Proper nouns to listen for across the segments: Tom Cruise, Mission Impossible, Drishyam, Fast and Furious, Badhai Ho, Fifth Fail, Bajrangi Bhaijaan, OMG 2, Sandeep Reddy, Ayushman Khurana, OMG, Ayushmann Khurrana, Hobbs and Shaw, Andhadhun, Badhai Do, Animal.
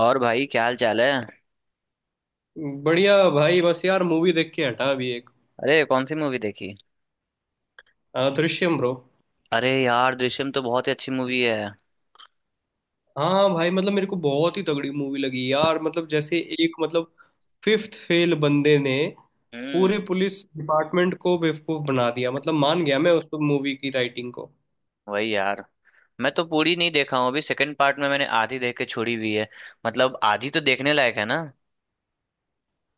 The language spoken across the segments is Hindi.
और भाई, क्या हाल चाल है? बढ़िया भाई बस यार मूवी देख के हटा अभी एक। अरे, कौन सी मूवी देखी? हाँ दृश्यम ब्रो। अरे यार, दृश्यम तो बहुत ही अच्छी मूवी है। हाँ भाई मतलब मेरे को बहुत ही तगड़ी मूवी लगी यार। मतलब जैसे एक मतलब फिफ्थ फेल बंदे ने पूरे हम्म। पुलिस डिपार्टमेंट को बेवकूफ बना दिया। मतलब मान गया मैं उस मूवी की राइटिंग को। वही यार। मैं तो पूरी नहीं देखा हूँ, अभी सेकंड पार्ट में मैंने आधी देख के छोड़ी हुई है। मतलब आधी तो देखने लायक है ना?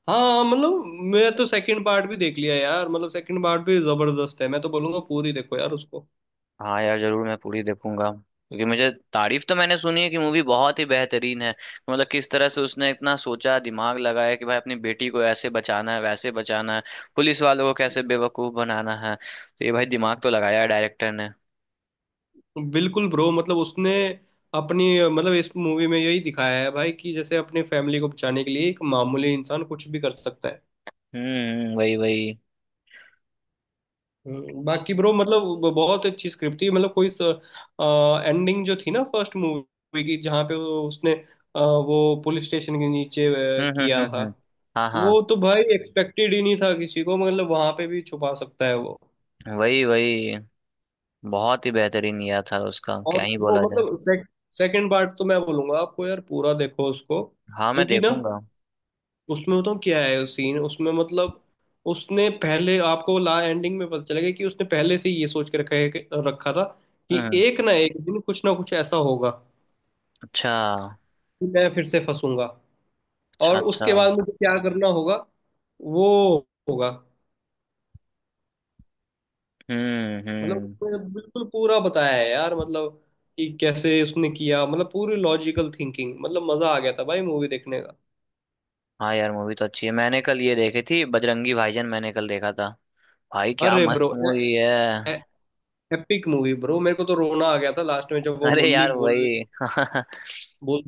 हाँ मतलब मैं तो सेकंड पार्ट भी देख लिया यार। मतलब सेकंड पार्ट भी जबरदस्त है। मैं तो बोलूंगा पूरी देखो यार उसको। हाँ यार, जरूर मैं पूरी देखूंगा। क्योंकि मुझे तारीफ तो मैंने सुनी है कि मूवी बहुत ही बेहतरीन है। मतलब किस तरह से उसने इतना सोचा, दिमाग लगाया कि भाई अपनी बेटी को ऐसे बचाना है, वैसे बचाना है। पुलिस वालों को कैसे बेवकूफ बनाना है, तो ये भाई दिमाग तो लगाया है डायरेक्टर ने। बिल्कुल ब्रो मतलब उसने अपनी मतलब इस मूवी में यही दिखाया है भाई कि जैसे अपनी फैमिली को बचाने के लिए एक मामूली इंसान कुछ भी कर सकता है। हम्म। वही वही। बाकी ब्रो मतलब बहुत अच्छी स्क्रिप्ट थी मतलब कोई एंडिंग जो थी ना फर्स्ट मूवी की जहाँ पे उसने वो पुलिस स्टेशन के नीचे हम्म हम्म किया हम्म था। हम्म। हाँ हाँ। वो तो भाई एक्सपेक्टेड ही नहीं था किसी को मतलब वहां पे भी छुपा सकता है वो। वही वही। बहुत ही बेहतरीन किया था, उसका क्या और ही वो बोला जाए। मतलब सेकंड पार्ट तो मैं बोलूंगा आपको यार पूरा देखो उसको हाँ, मैं क्योंकि ना देखूंगा। उसमें बताऊँ क्या है उस सीन उसमें मतलब उसने पहले आपको ला एंडिंग में पता चलेगा कि उसने पहले से ये सोच के रखा है रखा था कि हम्म। एक ना एक दिन कुछ ना कुछ ऐसा होगा कि अच्छा। मैं फिर से फंसूंगा। अच्छा और अच्छा। उसके बाद मुझे क्या करना होगा वो होगा। मतलब हम्म। उसने बिल्कुल पूरा बताया है यार मतलब कि कैसे उसने किया मतलब पूरी लॉजिकल थिंकिंग। मतलब मजा आ गया था भाई मूवी देखने का। हाँ यार, मूवी तो अच्छी है। मैंने कल ये देखी थी बजरंगी भाईजान, मैंने कल देखा था। भाई, क्या अरे ब्रो मस्त मूवी है। एपिक मूवी ब्रो मेरे को तो रोना आ गया था लास्ट में जब वो अरे मुन्नी यार, बोल वही। बोल।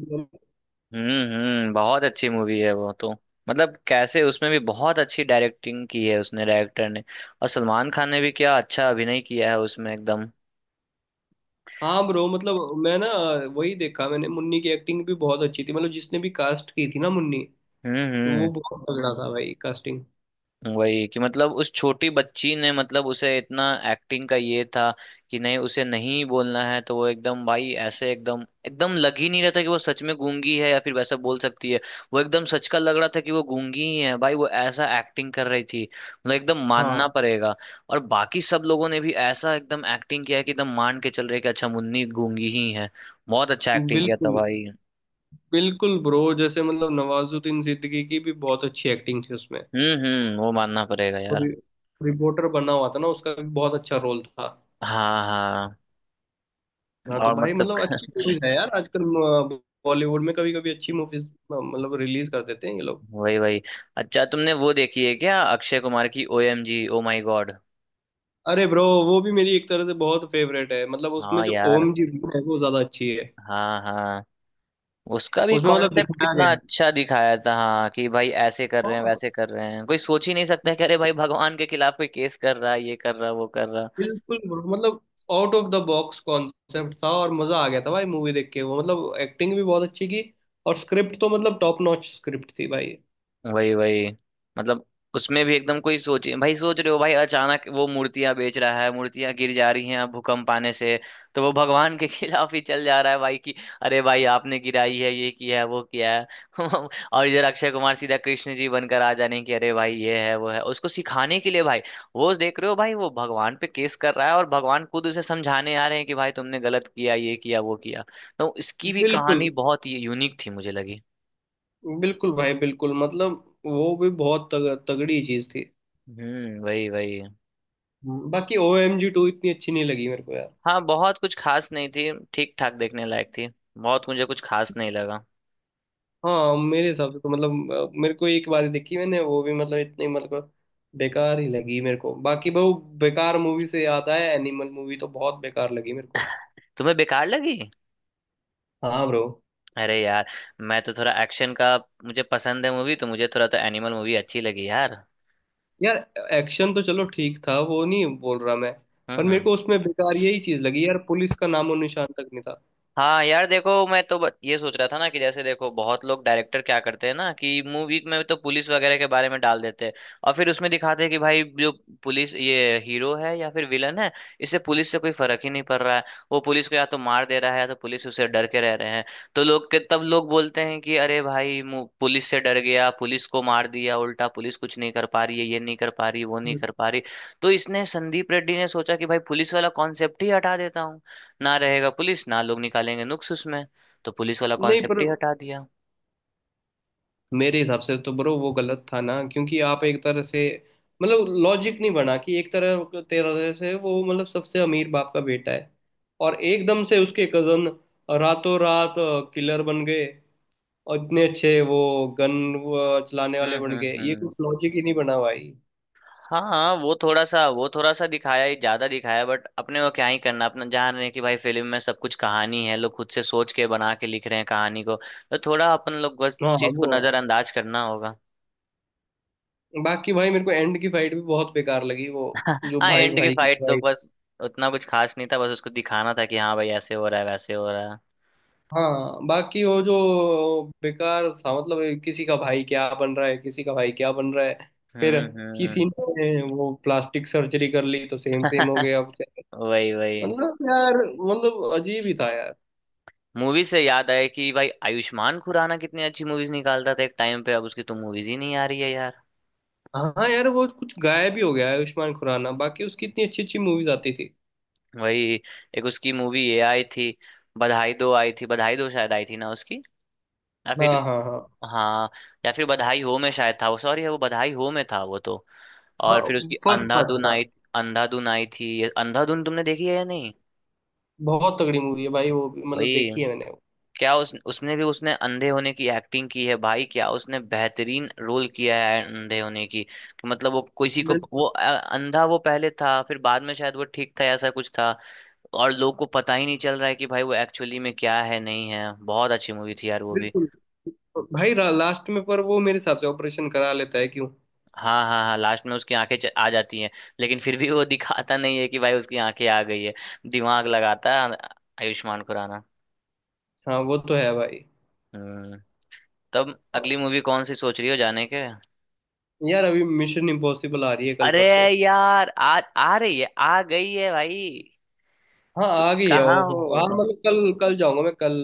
हम्म। बहुत अच्छी मूवी है वो तो। मतलब कैसे उसमें भी बहुत अच्छी डायरेक्टिंग की है उसने, डायरेक्टर ने। और सलमान खान ने भी क्या अच्छा अभिनय किया है उसमें, एकदम। हाँ ब्रो मतलब मैं ना वही देखा मैंने। मुन्नी की एक्टिंग भी बहुत अच्छी थी मतलब जिसने भी कास्ट की थी ना मुन्नी तो वो हम्म। बहुत तगड़ा था भाई कास्टिंग। वही, कि मतलब उस छोटी बच्ची ने, मतलब उसे इतना एक्टिंग का ये था कि नहीं, उसे नहीं बोलना है, तो वो एकदम भाई ऐसे एकदम एकदम लग ही नहीं रहा था कि वो सच में गूंगी है या फिर वैसा बोल सकती है। वो एकदम सच का लग रहा था कि वो गूंगी ही है भाई, वो ऐसा एक्टिंग कर रही थी। मतलब एकदम मानना हाँ। पड़ेगा। और बाकी सब लोगों ने भी ऐसा एकदम एक्टिंग किया है कि एकदम मान के चल रहे कि अच्छा, मुन्नी गूंगी ही है। बहुत अच्छा एक्टिंग किया था बिल्कुल। भाई। बिल्कुल ब्रो जैसे मतलब नवाजुद्दीन सिद्दीकी की भी बहुत अच्छी एक्टिंग थी उसमें। हम्म। वो मानना पड़ेगा और यार। रिपोर्टर बना हुआ था ना उसका भी बहुत अच्छा रोल था। हाँ हाँ। हाँ तो और भाई मतलब मतलब अच्छी मूवीज है यार आजकल बॉलीवुड में कभी कभी अच्छी मूवीज मतलब रिलीज कर देते हैं ये लोग। वही वही। अच्छा, तुमने वो देखी है क्या, अक्षय कुमार की O M G, oh my God? अरे ब्रो वो भी मेरी एक तरह से बहुत फेवरेट है मतलब उसमें हाँ जो यार। ओम जी है वो ज्यादा अच्छी है। हाँ हाँ। उसका भी उसमें मतलब कॉन्सेप्ट दिखाया कितना गया है। अच्छा दिखाया था, हाँ। कि भाई ऐसे कर रहे हैं, हाँ, वैसे कर रहे हैं, कोई सोच ही नहीं सकता है कि अरे भाई, भगवान के खिलाफ कोई केस कर रहा है, ये कर रहा है, वो कर रहा है। बिल्कुल bro, मतलब out of the box concept था और मजा आ गया था भाई मूवी देख के। वो मतलब एक्टिंग भी बहुत अच्छी की और स्क्रिप्ट तो मतलब टॉप नॉच स्क्रिप्ट थी भाई। वही वही। मतलब उसमें भी एकदम कोई सोचे, भाई सोच रहे हो भाई, अचानक वो मूर्तियां बेच रहा है, मूर्तियां गिर जा रही हैं अब भूकंप आने से। तो वो भगवान के खिलाफ ही चल जा रहा है भाई कि अरे भाई, आपने गिराई है, ये किया है, वो किया है। और इधर अक्षय कुमार सीधा कृष्ण जी बनकर आ जाने की, अरे भाई ये है, वो है, उसको सिखाने के लिए भाई। वो देख रहे हो भाई, वो भगवान पे केस कर रहा है और भगवान खुद उसे समझाने आ रहे हैं कि भाई तुमने गलत किया, ये किया, वो किया। तो इसकी भी बिल्कुल। कहानी बहुत ही यूनिक थी मुझे लगी। बिल्कुल भाई बिल्कुल मतलब वो भी बहुत तगड़ी चीज थी। हम्म। वही वही। हम्म। बाकी OMG 2 इतनी अच्छी नहीं लगी मेरे को यार। हाँ, बहुत कुछ खास नहीं थी, ठीक ठाक देखने लायक थी। बहुत मुझे कुछ खास नहीं लगा। हाँ मेरे हिसाब से तो मतलब मेरे को एक बार ही देखी मैंने वो भी मतलब इतनी मतलब बेकार ही लगी मेरे को। बाकी वो बेकार मूवी से याद आया एनिमल मूवी तो बहुत बेकार लगी मेरे को। तुम्हें बेकार लगी? हाँ ब्रो। अरे यार, मैं तो थोड़ा एक्शन का मुझे पसंद है, मूवी तो मुझे थोड़ा तो एनिमल मूवी अच्छी लगी यार। यार एक्शन तो चलो ठीक था वो नहीं बोल रहा मैं। पर हम्म मेरे हम्म। को उसमें बेकार यही चीज लगी यार पुलिस का नामो निशान तक नहीं था। हाँ यार देखो, मैं तो ये सोच रहा था ना कि जैसे देखो, बहुत लोग डायरेक्टर क्या करते हैं ना, कि मूवी में तो पुलिस वगैरह के बारे में डाल देते हैं। और फिर उसमें दिखाते हैं कि भाई जो पुलिस, ये हीरो है या फिर विलन है, इससे पुलिस से कोई फर्क ही नहीं पड़ रहा है। वो पुलिस को या तो मार दे रहा है या तो पुलिस उससे डर के रह रहे हैं। तो लोग के तब लोग बोलते हैं कि अरे भाई, पुलिस से डर गया, पुलिस को मार दिया, उल्टा पुलिस कुछ नहीं कर पा रही है, ये नहीं कर पा रही, वो नहीं हम्म। कर पा रही। तो इसने संदीप रेड्डी ने सोचा कि भाई पुलिस वाला कॉन्सेप्ट ही हटा देता हूँ। ना रहेगा पुलिस, ना लोग निकालेंगे नुक्स उसमें। तो पुलिस वाला नहीं कॉन्सेप्ट पर ही हटा दिया। मेरे हिसाब से तो ब्रो वो गलत था ना क्योंकि आप एक तरह से मतलब लॉजिक नहीं बना कि एक तरह तरह से वो मतलब सबसे अमीर बाप का बेटा है। और एकदम से उसके कजन रातों रात किलर बन गए और इतने अच्छे वो गन चलाने वाले बन गए ये हम्म। कुछ लॉजिक ही नहीं बना भाई। हाँ, वो थोड़ा सा दिखाया ही, ज्यादा दिखाया, बट अपने को क्या ही करना, अपना जान रहे हैं कि भाई फिल्म में सब कुछ कहानी है, लोग खुद से सोच के बना के लिख रहे हैं कहानी को। तो थोड़ा अपन लोग बस हाँ चीज को वो है। नजरअंदाज करना होगा। बाकी भाई मेरे को एंड की फाइट भी बहुत बेकार लगी वो जो हाँ, भाई एंड की भाई की फाइट तो फाइट। बस उतना कुछ खास नहीं था, बस उसको दिखाना था कि हाँ भाई ऐसे हो रहा है, वैसे हो रहा है। हाँ बाकी वो जो बेकार था मतलब किसी का भाई क्या बन रहा है किसी का भाई क्या बन रहा है फिर हम्म। किसी ने वो प्लास्टिक सर्जरी कर ली तो सेम सेम हो गया। वही वही। मतलब यार मतलब अजीब ही था यार। मूवी से याद आया कि भाई आयुष्मान खुराना कितनी अच्छी मूवीज निकालता था एक टाइम पे, अब उसकी तो मूवीज ही नहीं आ रही है यार। हाँ यार वो कुछ गायब ही हो गया है आयुष्मान खुराना बाकी उसकी इतनी अच्छी अच्छी मूवीज आती थी। वही। एक उसकी मूवी ये आई थी, बधाई दो आई थी, बधाई दो शायद आई थी ना उसकी, या हाँ फिर। हाँ हाँ हाँ। या फिर बधाई हो में शायद था वो, सॉरी वो बधाई हो में था वो तो। हाँ। और फिर उसकी फर्स्ट पार्ट अंधाधुन था। आई। अंधाधुन आई थी, ये अंधाधुन तुमने देखी है या नहीं? बहुत तगड़ी मूवी है भाई वो भी मतलब वही। देखी है क्या उस उसमें भी उसने अंधे होने की एक्टिंग की है भाई, क्या उसने बेहतरीन रोल किया है अंधे होने की। कि मतलब वो किसी को मैंने। वो अंधा वो पहले था, फिर बाद में शायद वो ठीक था, ऐसा कुछ था। और लोग को पता ही नहीं चल रहा है कि भाई वो एक्चुअली में क्या है, नहीं है। बहुत अच्छी मूवी थी यार वो भी। बिल्कुल। भाई लास्ट में पर वो मेरे हिसाब से ऑपरेशन करा लेता है क्यों। हाँ हाँ हाँ, लास्ट में उसकी आंखें आ जाती हैं। लेकिन फिर भी वो दिखाता नहीं है कि भाई उसकी आंखें आ गई है। दिमाग लगाता है आयुष्मान खुराना। हाँ वो तो है भाई। हम्म। तब अगली मूवी कौन सी सोच रही हो जाने के? यार अभी मिशन इम्पॉसिबल आ रही है कल अरे, परसों। यार आ आ रही है, आ गई है भाई। हाँ तुम आ गई है। कहाँ ओहो हाँ हो? मतलब कल कल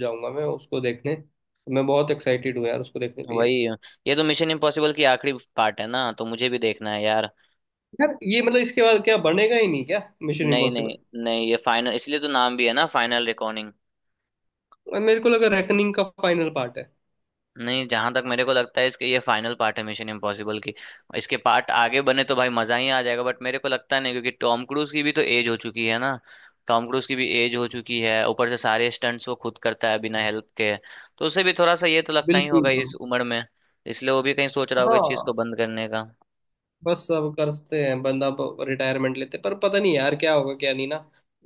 जाऊंगा मैं उसको देखने। मैं बहुत एक्साइटेड हूँ यार उसको देखने के लिए। वही। ये तो मिशन इम्पॉसिबल की आखिरी पार्ट है ना, तो मुझे भी देखना है यार। यार ये मतलब इसके बाद क्या बनेगा ही नहीं क्या मिशन नहीं नहीं। इम्पॉसिबल। नहीं, ये फाइनल इसलिए तो नाम भी है ना, फाइनल रिकॉर्डिंग। मेरे को लगा रेकनिंग का फाइनल पार्ट है। नहीं, जहां तक मेरे को लगता है इसके, ये फाइनल पार्ट है मिशन इम्पॉसिबल की। इसके पार्ट आगे बने तो भाई मजा ही आ जाएगा, बट मेरे को लगता नहीं, क्योंकि टॉम क्रूज की भी तो एज हो चुकी है ना। टॉम क्रूज की भी एज हो चुकी है, ऊपर से सारे स्टंट्स वो खुद करता है बिना हेल्प के। तो उसे भी थोड़ा सा ये तो लगता ही बिल्कुल होगा bro। इस उम्र में। इसलिए वो भी कहीं सोच रहा होगा इस चीज को हाँ बंद करने का। बस सब करते हैं बंदा रिटायरमेंट लेते पर पता नहीं यार क्या होगा क्या नहीं ना।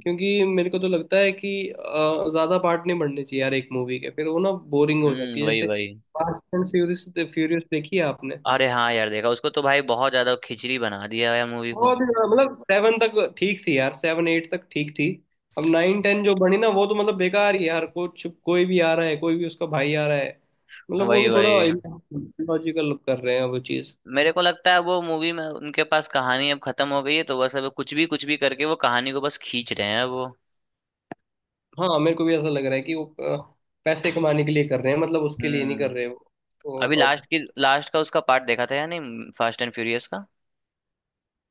क्योंकि मेरे को तो लगता है कि ज्यादा पार्ट नहीं बढ़ने चाहिए यार एक मूवी के फिर वो ना बोरिंग हो जाती हम्म। है। वही जैसे वही। फास्ट एंड फ्यूरियस फ्यूरियस देखी है आपने। अरे हाँ यार, देखा उसको तो भाई, बहुत ज्यादा खिचड़ी बना दिया है मूवी को। बहुत ही ज्यादा मतलब सेवन तक ठीक थी यार सेवन एट तक ठीक थी। अब नाइन 10 जो बनी ना वो तो मतलब बेकार ही यार कुछ कोई भी आ रहा है कोई भी उसका भाई आ रहा है। मतलब वो वही भी थोड़ा वही। लॉजिकल कर रहे हैं वो चीज। मेरे को लगता है वो मूवी में उनके पास कहानी अब खत्म हो गई है, तो बस अब कुछ भी करके वो कहानी को बस खींच रहे हैं वो। हाँ मेरे को भी ऐसा लग रहा है कि वो पैसे कमाने के लिए कर रहे हैं मतलब उसके लिए नहीं कर हम्म। रहे वो। अभी और लास्ट अब की, लास्ट का उसका पार्ट देखा था या नहीं फास्ट एंड फ्यूरियस का?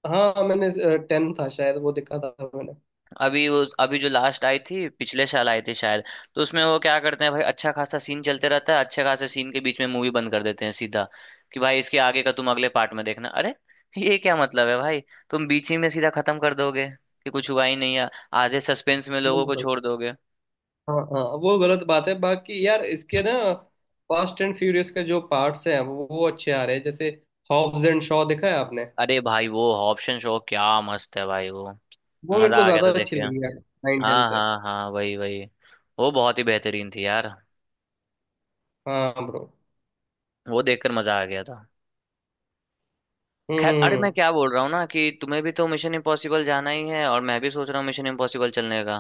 हाँ मैंने 10 था शायद वो देखा था मैंने। अभी वो, अभी जो लास्ट आई थी पिछले साल आई थी शायद। तो उसमें वो क्या करते हैं भाई, अच्छा खासा सीन चलते रहता है, अच्छे खासे सीन के बीच में मूवी बंद कर देते हैं सीधा। कि भाई इसके आगे का तुम अगले पार्ट में देखना, अरे ये क्या मतलब है भाई। तुम बीच ही में सीधा खत्म कर दोगे कि कुछ हुआ ही नहीं है। आधे सस्पेंस में लोगों को बिल्कुल। छोड़ दोगे। हाँ हाँ वो गलत बात है। बाकी यार इसके ना फास्ट एंड फ्यूरियस के जो पार्ट्स हैं वो अच्छे आ रहे हैं जैसे हॉब्स एंड शॉ देखा है आपने। अरे भाई, वो ऑप्शन शो क्या मस्त है भाई वो। वो मेरे मजा को आ गया ज्यादा था देख अच्छी के। लगी यार नाइन 10 हाँ से। हाँ हाँ, वही वही। वो बहुत ही बेहतरीन थी यार। हाँ ब्रो। वो देखकर मजा आ गया था। खैर, अरे हम्म। मैं क्या बोल रहा हूँ ना, कि तुम्हें भी तो मिशन इम्पॉसिबल जाना ही है, और मैं भी सोच रहा हूँ मिशन इम्पॉसिबल चलने का।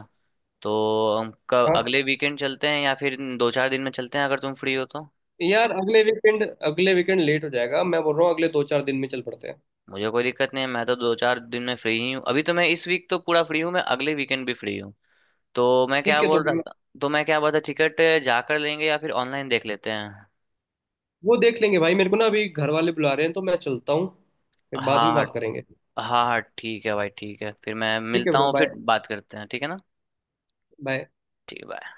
तो हम कब, हाँ अगले वीकेंड चलते हैं या फिर दो चार दिन में चलते हैं, अगर तुम फ्री हो तो? यार अगले वीकेंड लेट हो जाएगा। मैं बोल रहा हूँ अगले दो चार दिन में चल पड़ते हैं। मुझे कोई दिक्कत नहीं है, मैं तो दो चार दिन में फ्री ही हूँ, अभी तो मैं इस वीक तो पूरा फ्री हूँ, मैं अगले वीकेंड भी फ्री हूँ। तो मैं ठीक क्या है तो बोल रहा था, तो मैं क्या बोल रहा था, टिकट जाकर लेंगे या फिर ऑनलाइन देख लेते हैं? वो देख लेंगे भाई। मेरे को ना अभी घर वाले बुला रहे हैं तो मैं चलता हूँ फिर हाँ बाद में हाँ। बात करेंगे। हाँ हाँ, ठीक है भाई, ठीक है फिर, मैं ठीक है मिलता ब्रो हूँ, फिर बाय। बात करते हैं, ठीक है ना? बाय। ठीक है bye।